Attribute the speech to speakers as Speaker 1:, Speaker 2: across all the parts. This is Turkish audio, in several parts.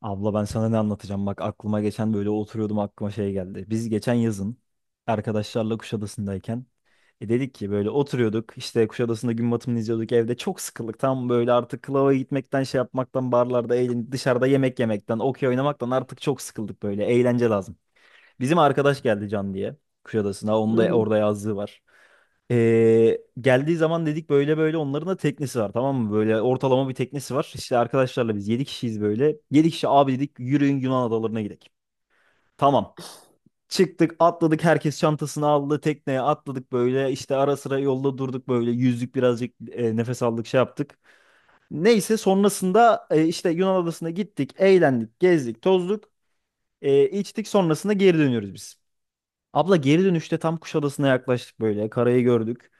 Speaker 1: Abla ben sana ne anlatacağım? Bak aklıma geçen böyle oturuyordum, aklıma şey geldi. Biz geçen yazın arkadaşlarla Kuşadası'ndayken dedik ki böyle oturuyorduk işte Kuşadası'nda gün batımını izliyorduk, evde çok sıkıldık. Tam böyle artık klava gitmekten, şey yapmaktan, barlarda eğlen, dışarıda yemek yemekten, okey oynamaktan artık çok sıkıldık, böyle eğlence lazım. Bizim arkadaş geldi Can diye Kuşadası'na,
Speaker 2: Hı
Speaker 1: onun da
Speaker 2: hı.
Speaker 1: orada yazlığı var. Geldiği zaman dedik böyle böyle, onların da teknesi var, tamam mı? Böyle ortalama bir teknesi var. İşte arkadaşlarla biz 7 kişiyiz böyle. 7 kişi abi, dedik, yürüyün Yunan adalarına gidelim. Tamam. Çıktık atladık, herkes çantasını aldı, tekneye atladık böyle, işte ara sıra yolda durduk, böyle yüzdük birazcık, nefes aldık, şey yaptık. Neyse sonrasında, işte Yunan adasına gittik, eğlendik, gezdik, tozduk, içtik, sonrasında geri dönüyoruz biz. Abla geri dönüşte tam Kuşadası'na yaklaştık, böyle karayı gördük.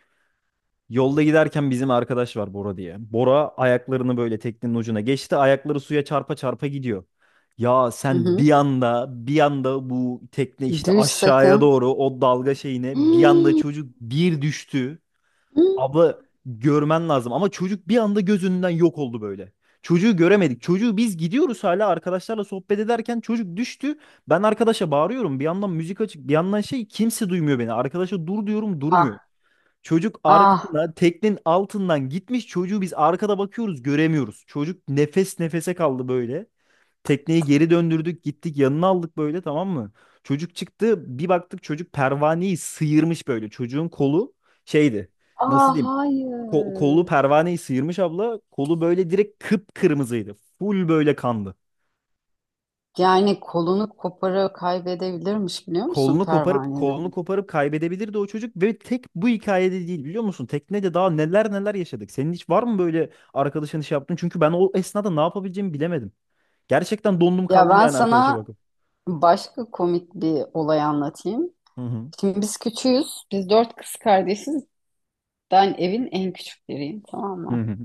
Speaker 1: Yolda giderken bizim arkadaş var, Bora diye. Bora ayaklarını böyle teknenin ucuna geçti. Ayakları suya çarpa çarpa gidiyor. Ya
Speaker 2: Hı
Speaker 1: sen
Speaker 2: hı.
Speaker 1: bir anda bu tekne işte
Speaker 2: Düş
Speaker 1: aşağıya
Speaker 2: sakın.
Speaker 1: doğru o dalga şeyine, bir anda
Speaker 2: Hii.
Speaker 1: çocuk bir düştü.
Speaker 2: Hı.
Speaker 1: Abla görmen lazım ama çocuk bir anda gözünden yok oldu böyle. Çocuğu göremedik. Çocuğu biz gidiyoruz hala, arkadaşlarla sohbet ederken çocuk düştü. Ben arkadaşa bağırıyorum. Bir yandan müzik açık, bir yandan şey, kimse duymuyor beni. Arkadaşa dur diyorum, durmuyor.
Speaker 2: Ah,
Speaker 1: Çocuk
Speaker 2: ah,
Speaker 1: arkasına, teknenin altından gitmiş. Çocuğu biz arkada bakıyoruz, göremiyoruz. Çocuk nefes nefese kaldı böyle. Tekneyi geri döndürdük, gittik yanına aldık böyle, tamam mı? Çocuk çıktı, bir baktık çocuk pervaneyi sıyırmış böyle. Çocuğun kolu şeydi, nasıl
Speaker 2: ah,
Speaker 1: diyeyim, kolu
Speaker 2: hayır.
Speaker 1: pervaneyi sıyırmış abla. Kolu böyle direkt kıpkırmızıydı. Full böyle kandı.
Speaker 2: Yani kolunu koparı kaybedebilirmiş biliyor musun
Speaker 1: kolunu koparıp
Speaker 2: pervanede?
Speaker 1: kolunu koparıp kaybedebilirdi o çocuk ve tek bu hikayede değil, biliyor musun? Teknede daha neler neler yaşadık. Senin hiç var mı böyle, arkadaşın iş yaptın? Çünkü ben o esnada ne yapabileceğimi bilemedim. Gerçekten dondum
Speaker 2: Ya
Speaker 1: kaldım
Speaker 2: ben
Speaker 1: yani, arkadaşa
Speaker 2: sana
Speaker 1: bakıp.
Speaker 2: başka komik bir olay anlatayım.
Speaker 1: Hı hı.
Speaker 2: Şimdi biz küçüğüz. Biz dört kız kardeşiz. Ben evin en küçükleriyim, tamam
Speaker 1: Hı
Speaker 2: mı?
Speaker 1: hı.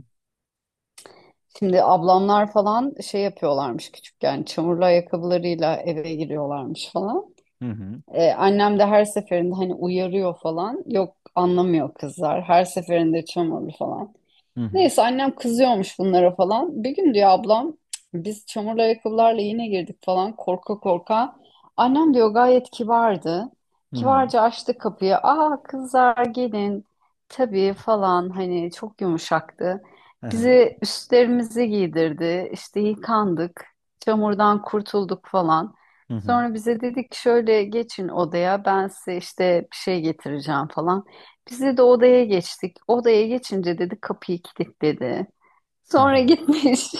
Speaker 2: Şimdi ablamlar falan şey yapıyorlarmış küçükken. Çamurlu ayakkabılarıyla eve giriyorlarmış falan.
Speaker 1: Hı hı.
Speaker 2: Annem de her seferinde hani uyarıyor falan. Yok, anlamıyor kızlar. Her seferinde çamurlu falan.
Speaker 1: Hı hı.
Speaker 2: Neyse, annem kızıyormuş bunlara falan. Bir gün diyor ablam, biz çamurlu ayakkabılarla yine girdik falan korka korka. Annem diyor gayet kibardı.
Speaker 1: Hı hı.
Speaker 2: Kibarca açtı kapıyı. Aa kızlar gelin. Tabii falan, hani çok yumuşaktı.
Speaker 1: Hı hı.
Speaker 2: Bize üstlerimizi giydirdi. İşte yıkandık. Çamurdan kurtulduk falan.
Speaker 1: Hı hı.
Speaker 2: Sonra bize dedik ki şöyle geçin odaya, ben size işte bir şey getireceğim falan. Bizi de odaya geçtik. Odaya geçince dedi kapıyı kilitledi.
Speaker 1: Hı
Speaker 2: Sonra
Speaker 1: hı.
Speaker 2: gitmiş.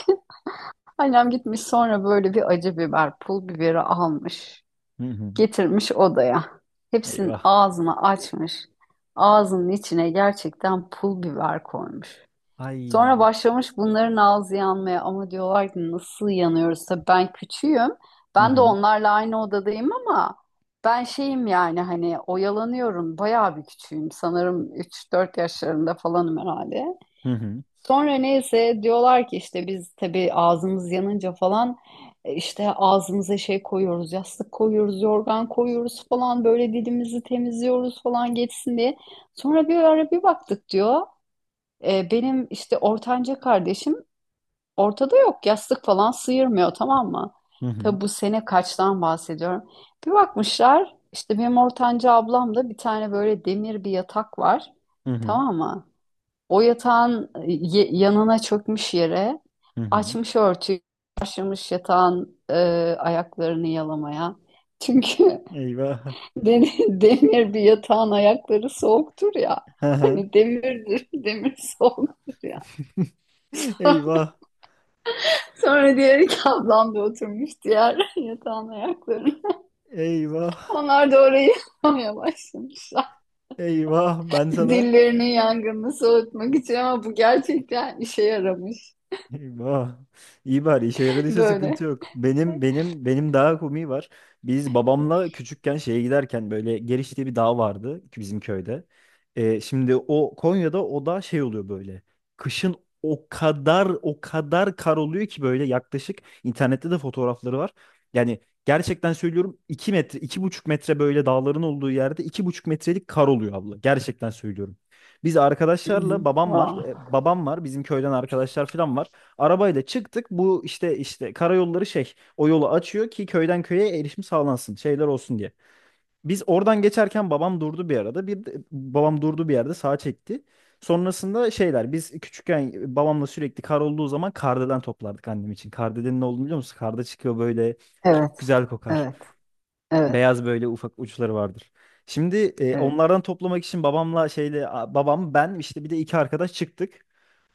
Speaker 2: Annem gitmiş sonra böyle bir acı biber, pul biberi almış.
Speaker 1: Hı hı.
Speaker 2: Getirmiş odaya. Hepsinin
Speaker 1: Eyvah.
Speaker 2: ağzını açmış. Ağzının içine gerçekten pul biber koymuş. Sonra
Speaker 1: Ay.
Speaker 2: başlamış bunların ağzı yanmaya, ama diyorlar ki nasıl yanıyoruz? Tabii ben küçüğüm.
Speaker 1: Hı
Speaker 2: Ben de
Speaker 1: hı.
Speaker 2: onlarla aynı odadayım ama ben şeyim, yani hani oyalanıyorum. Bayağı bir küçüğüm. Sanırım üç dört yaşlarında falanım herhalde.
Speaker 1: Hı hı.
Speaker 2: Sonra neyse diyorlar ki işte biz tabii ağzımız yanınca falan işte ağzımıza şey koyuyoruz, yastık koyuyoruz, yorgan koyuyoruz falan, böyle dilimizi temizliyoruz falan, geçsin diye. Sonra bir ara bir baktık diyor. Benim işte ortanca kardeşim ortada yok. Yastık falan sıyırmıyor, tamam mı?
Speaker 1: Hı hı.
Speaker 2: Tabi bu sene kaçtan bahsediyorum. Bir bakmışlar işte benim ortanca ablamda bir tane böyle demir bir yatak var.
Speaker 1: Hı hı.
Speaker 2: Tamam mı? O yatağın yanına çökmüş yere,
Speaker 1: Hı hı.
Speaker 2: açmış örtüyü, başlamış yatağın ayaklarını yalamaya. Çünkü
Speaker 1: Eyvah.
Speaker 2: den- demir bir yatağın ayakları soğuktur ya.
Speaker 1: Hı hı.
Speaker 2: Hani demirdir, demir soğuktur ya.
Speaker 1: Eyvah.
Speaker 2: Sonra diğer iki ablam da oturmuş diğer yatağın ayaklarına.
Speaker 1: Eyvah.
Speaker 2: Onlar da orayı yıkamaya başlamışlar.
Speaker 1: Eyvah. Ben sana.
Speaker 2: Dillerinin yangınını soğutmak için, ama bu gerçekten işe yaramış.
Speaker 1: Eyvah. İyi bari işe yaradıysa
Speaker 2: Böyle.
Speaker 1: sıkıntı yok. Benim
Speaker 2: Hı
Speaker 1: benim benim daha komiği var. Biz babamla küçükken şeye giderken böyle Geriş diye bir dağ vardı ki bizim köyde. Şimdi o Konya'da o da şey oluyor böyle. Kışın o kadar o kadar kar oluyor ki, böyle yaklaşık, internette de fotoğrafları var. Yani gerçekten söylüyorum 2 metre 2,5 metre böyle, dağların olduğu yerde 2,5 metrelik kar oluyor abla. Gerçekten söylüyorum. Biz arkadaşlarla,
Speaker 2: hı.
Speaker 1: babam var.
Speaker 2: Vay.
Speaker 1: Babam var. Bizim köyden arkadaşlar falan var. Arabayla çıktık. Bu işte karayolları şey o yolu açıyor ki köyden köye erişim sağlansın, şeyler olsun diye. Biz oradan geçerken babam durdu bir arada. Babam durdu bir yerde, sağa çekti. Sonrasında şeyler, biz küçükken babamla sürekli kar olduğu zaman kardelen toplardık annem için. Kardelen'in ne olduğunu biliyor musun? Karda çıkıyor böyle,
Speaker 2: Evet,
Speaker 1: çok güzel kokar.
Speaker 2: evet, evet,
Speaker 1: Beyaz böyle ufak uçları vardır. Şimdi
Speaker 2: evet.
Speaker 1: onlardan toplamak için babamla şeyle, babam, ben işte, bir de iki arkadaş çıktık.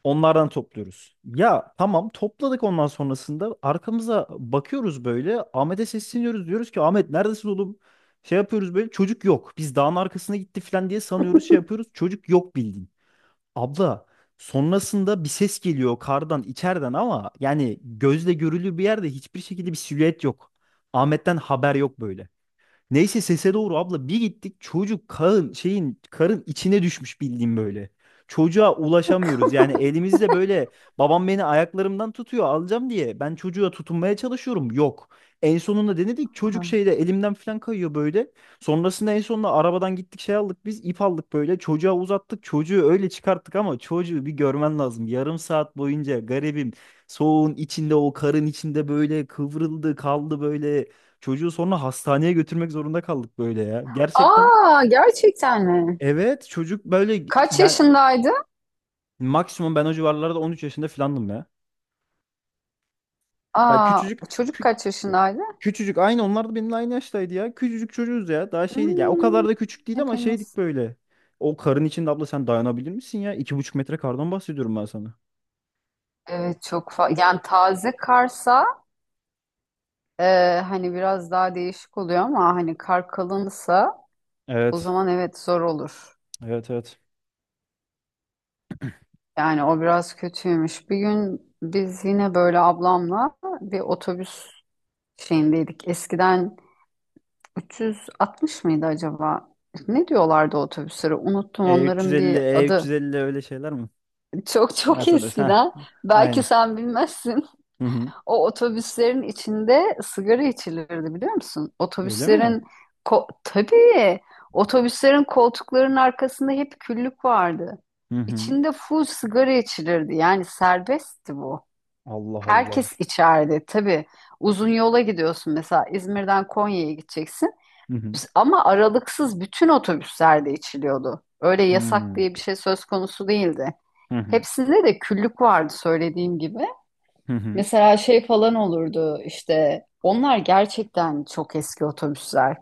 Speaker 1: Onlardan topluyoruz. Ya tamam topladık, ondan sonrasında arkamıza bakıyoruz böyle, Ahmet'e sesleniyoruz diyoruz ki Ahmet neredesin oğlum? Şey yapıyoruz böyle, çocuk yok. Biz dağın arkasına gitti falan diye sanıyoruz, şey yapıyoruz, çocuk yok bildiğin. Abla sonrasında bir ses geliyor kardan içeriden, ama yani gözle görülür bir yerde hiçbir şekilde bir silüet yok. Ahmet'ten haber yok böyle. Neyse sese doğru abla bir gittik, çocuk karın şeyin, karın içine düşmüş bildiğim böyle. Çocuğa
Speaker 2: Bakın.
Speaker 1: ulaşamıyoruz, yani elimizde böyle, babam beni ayaklarımdan tutuyor, alacağım diye ben çocuğa tutunmaya çalışıyorum, yok. En sonunda denedik, çocuk şeyde, elimden falan kayıyor böyle. Sonrasında en sonunda arabadan gittik, şey aldık biz, ip aldık, böyle çocuğa uzattık, çocuğu öyle çıkarttık, ama çocuğu bir görmen lazım. Yarım saat boyunca garibim, soğuğun içinde o karın içinde böyle kıvrıldı kaldı böyle. Çocuğu sonra hastaneye götürmek zorunda kaldık böyle ya. Gerçekten,
Speaker 2: Aa, gerçekten mi?
Speaker 1: evet, çocuk böyle,
Speaker 2: Kaç
Speaker 1: yani
Speaker 2: yaşındaydı?
Speaker 1: maksimum ben o civarlarda 13 yaşında falandım ya. Ya
Speaker 2: Aa,
Speaker 1: küçücük,
Speaker 2: çocuk
Speaker 1: kü-
Speaker 2: kaç yaşındaydı?
Speaker 1: küçücük, aynı onlar da benimle aynı yaştaydı ya. Küçücük çocuğuz ya. Daha şeydik ya. O
Speaker 2: Hmm,
Speaker 1: kadar da küçük değil ama
Speaker 2: hepiniz.
Speaker 1: şeydik böyle. O karın içinde abla sen dayanabilir misin ya? 2,5 metre kardan bahsediyorum ben sana.
Speaker 2: Evet, çok yani taze karsa, hani biraz daha değişik oluyor, ama hani kar kalınsa o
Speaker 1: Evet.
Speaker 2: zaman evet zor olur.
Speaker 1: Evet evet.
Speaker 2: Yani o biraz kötüymüş. Bir gün biz yine böyle ablamla bir otobüs şeyindeydik. Eskiden 360 mıydı acaba? Ne diyorlardı otobüslere? Unuttum onların
Speaker 1: E350,
Speaker 2: bir adı.
Speaker 1: E350 öyle şeyler mi?
Speaker 2: Çok çok
Speaker 1: Mercedes ha.
Speaker 2: eskiden. Belki
Speaker 1: Aynen.
Speaker 2: sen bilmezsin.
Speaker 1: Hı hı.
Speaker 2: O otobüslerin içinde sigara içilirdi biliyor musun?
Speaker 1: Öyle mi?
Speaker 2: Otobüslerin tabii otobüslerin koltuklarının arkasında hep küllük vardı.
Speaker 1: Hı hı.
Speaker 2: İçinde full sigara içilirdi. Yani serbestti bu.
Speaker 1: Allah Allah.
Speaker 2: Herkes içerdi tabii. Uzun yola gidiyorsun, mesela İzmir'den Konya'ya gideceksin.
Speaker 1: Hı hı.
Speaker 2: Ama aralıksız bütün otobüslerde içiliyordu. Öyle yasak
Speaker 1: Hı
Speaker 2: diye bir şey söz konusu değildi.
Speaker 1: hı.
Speaker 2: Hepsinde de küllük vardı söylediğim gibi.
Speaker 1: Hı hı.
Speaker 2: Mesela şey falan olurdu, işte onlar gerçekten çok eski otobüsler.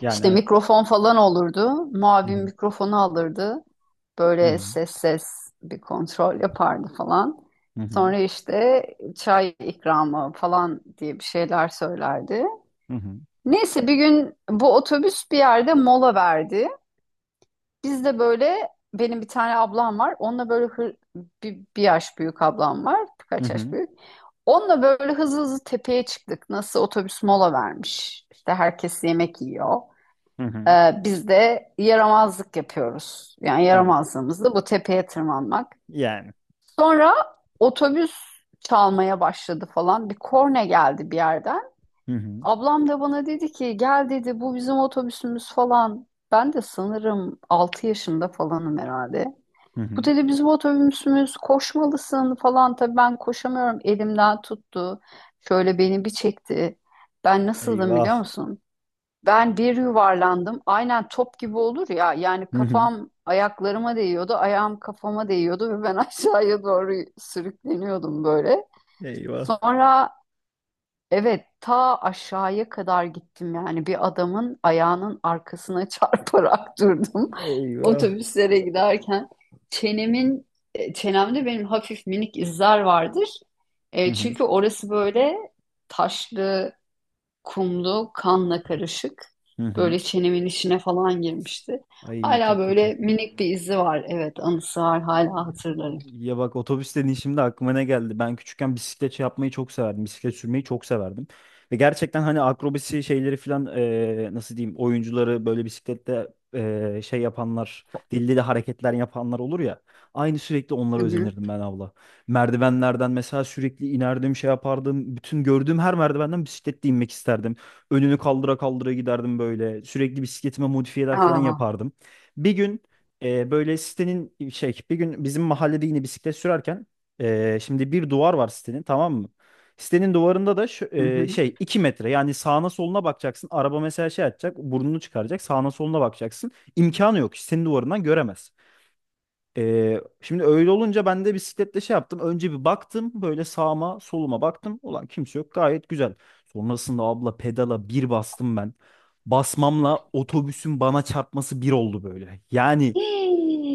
Speaker 1: Yani
Speaker 2: İşte
Speaker 1: evet.
Speaker 2: mikrofon falan olurdu.
Speaker 1: Hı
Speaker 2: Muavin
Speaker 1: hı.
Speaker 2: mikrofonu alırdı.
Speaker 1: Hı
Speaker 2: Böyle
Speaker 1: hı.
Speaker 2: ses ses bir kontrol yapardı falan.
Speaker 1: Hı hı.
Speaker 2: Sonra işte çay ikramı falan diye bir şeyler söylerdi.
Speaker 1: Hı hı.
Speaker 2: Neyse bir gün bu otobüs bir yerde mola verdi. Biz de böyle, benim bir tane ablam var. Onunla böyle bir yaş büyük ablam var.
Speaker 1: Hı
Speaker 2: Birkaç yaş
Speaker 1: hı.
Speaker 2: büyük. Onunla böyle hızlı hızlı tepeye çıktık. Nasıl otobüs mola vermiş. İşte herkes yemek yiyor.
Speaker 1: Hı hı.
Speaker 2: Biz de yaramazlık yapıyoruz. Yani
Speaker 1: Yani.
Speaker 2: yaramazlığımız da bu tepeye tırmanmak.
Speaker 1: Yani.
Speaker 2: Sonra otobüs çalmaya başladı falan. Bir korna geldi bir yerden.
Speaker 1: Hı hı.
Speaker 2: Ablam da bana dedi ki gel dedi, bu bizim otobüsümüz falan. Ben de sanırım 6 yaşında falanım herhalde.
Speaker 1: Hı
Speaker 2: Bu
Speaker 1: hı.
Speaker 2: dedi bizim otobüsümüz, koşmalısın falan. Tabii ben koşamıyorum. Elimden tuttu. Şöyle beni bir çekti. Ben nasıldım
Speaker 1: Eyvah.
Speaker 2: biliyor musun? Ben bir yuvarlandım. Aynen top gibi olur ya. Yani
Speaker 1: Hı hı.
Speaker 2: kafam ayaklarıma değiyordu. Ayağım kafama değiyordu ve ben aşağıya doğru sürükleniyordum böyle.
Speaker 1: Eyvah.
Speaker 2: Sonra, evet, ta aşağıya kadar gittim, yani bir adamın ayağının arkasına çarparak durdum
Speaker 1: Eyvah.
Speaker 2: otobüslere giderken. Çenemin çenemde benim hafif minik izler vardır.
Speaker 1: Hı hı.
Speaker 2: Çünkü orası böyle taşlı, kumlu, kanla karışık.
Speaker 1: Hı hı.
Speaker 2: Böyle çenemin içine falan girmişti.
Speaker 1: Ay
Speaker 2: Hala
Speaker 1: çok kötü.
Speaker 2: böyle minik bir izi var. Evet, anısı var. Hala hatırlarım.
Speaker 1: Ya bak, otobüs dediğin, şimdi aklıma ne geldi? Ben küçükken bisiklet şey yapmayı çok severdim. Bisiklet sürmeyi çok severdim. Ve gerçekten, hani akrobasi şeyleri falan, nasıl diyeyim, oyuncuları böyle bisiklette, şey yapanlar, dilli de hareketler yapanlar olur ya. Aynı sürekli onlara
Speaker 2: Hı hı.
Speaker 1: özenirdim ben abla. Merdivenlerden mesela sürekli inerdim, şey yapardım. Bütün gördüğüm her merdivenden bisikletle inmek isterdim. Önünü kaldıra kaldıra giderdim böyle. Sürekli bisikletime modifiyeler falan
Speaker 2: Aa.
Speaker 1: yapardım. Bir gün, böyle sitenin şey, bir gün bizim mahallede yine bisiklet sürerken, şimdi bir duvar var sitenin, tamam mı? Sitenin duvarında da şu,
Speaker 2: Hı hı.
Speaker 1: şey 2 metre, yani sağına soluna bakacaksın. Araba mesela şey atacak, burnunu çıkaracak, sağına soluna bakacaksın. İmkanı yok, sitenin duvarından göremez. Şimdi öyle olunca ben de bisikletle şey yaptım. Önce bir baktım böyle, sağıma soluma baktım. Ulan kimse yok, gayet güzel. Sonrasında abla pedala bir bastım ben. Basmamla otobüsün bana çarpması bir oldu böyle. Yani,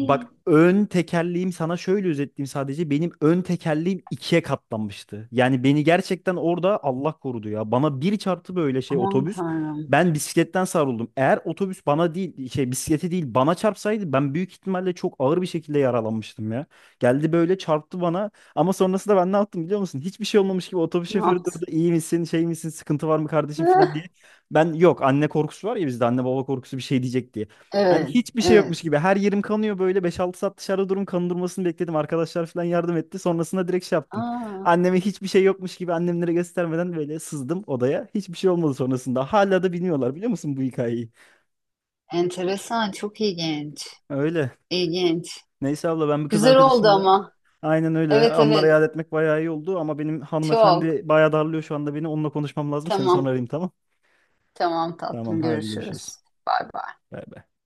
Speaker 1: bak ön tekerleğim sana şöyle özetleyeyim sadece. Benim ön tekerleğim ikiye katlanmıştı. Yani beni gerçekten orada Allah korudu ya. Bana bir çarptı böyle şey,
Speaker 2: Aman
Speaker 1: otobüs.
Speaker 2: Tanrım.
Speaker 1: Ben bisikletten savruldum. Eğer otobüs bana değil, şey bisikleti değil bana çarpsaydı, ben büyük ihtimalle çok ağır bir şekilde yaralanmıştım ya. Geldi böyle çarptı bana, ama sonrasında ben ne yaptım biliyor musun? Hiçbir şey olmamış gibi otobüs
Speaker 2: Ne
Speaker 1: şoförü
Speaker 2: yaptın?
Speaker 1: durdu. İyi misin, şey misin, sıkıntı var mı kardeşim, falan diye. Ben yok, anne korkusu var ya bizde, anne baba korkusu, bir şey diyecek diye. Yani
Speaker 2: Evet,
Speaker 1: hiçbir şey
Speaker 2: evet.
Speaker 1: yokmuş gibi. Her yerim kanıyor böyle. 5-6 saat dışarıda durum kan durmasını bekledim. Arkadaşlar falan yardım etti. Sonrasında direkt şey yaptım.
Speaker 2: Aa,
Speaker 1: Anneme hiçbir şey yokmuş gibi, annemlere göstermeden, böyle sızdım odaya. Hiçbir şey olmadı sonrasında. Hala da bilmiyorlar biliyor musun bu hikayeyi?
Speaker 2: enteresan, çok ilginç.
Speaker 1: Öyle.
Speaker 2: İlginç.
Speaker 1: Neyse abla ben bir kız
Speaker 2: Güzel oldu
Speaker 1: arkadaşımla,
Speaker 2: ama.
Speaker 1: aynen öyle.
Speaker 2: Evet,
Speaker 1: Anlara
Speaker 2: evet.
Speaker 1: yad etmek bayağı iyi oldu ama benim
Speaker 2: Çok.
Speaker 1: hanımefendi bayağı darlıyor şu anda beni. Onunla konuşmam lazım. Seni sonra
Speaker 2: Tamam,
Speaker 1: arayayım, tamam?
Speaker 2: tamam
Speaker 1: Tamam
Speaker 2: tatlım.
Speaker 1: haydi
Speaker 2: Görüşürüz.
Speaker 1: görüşürüz.
Speaker 2: Bay bay.
Speaker 1: Bay bay.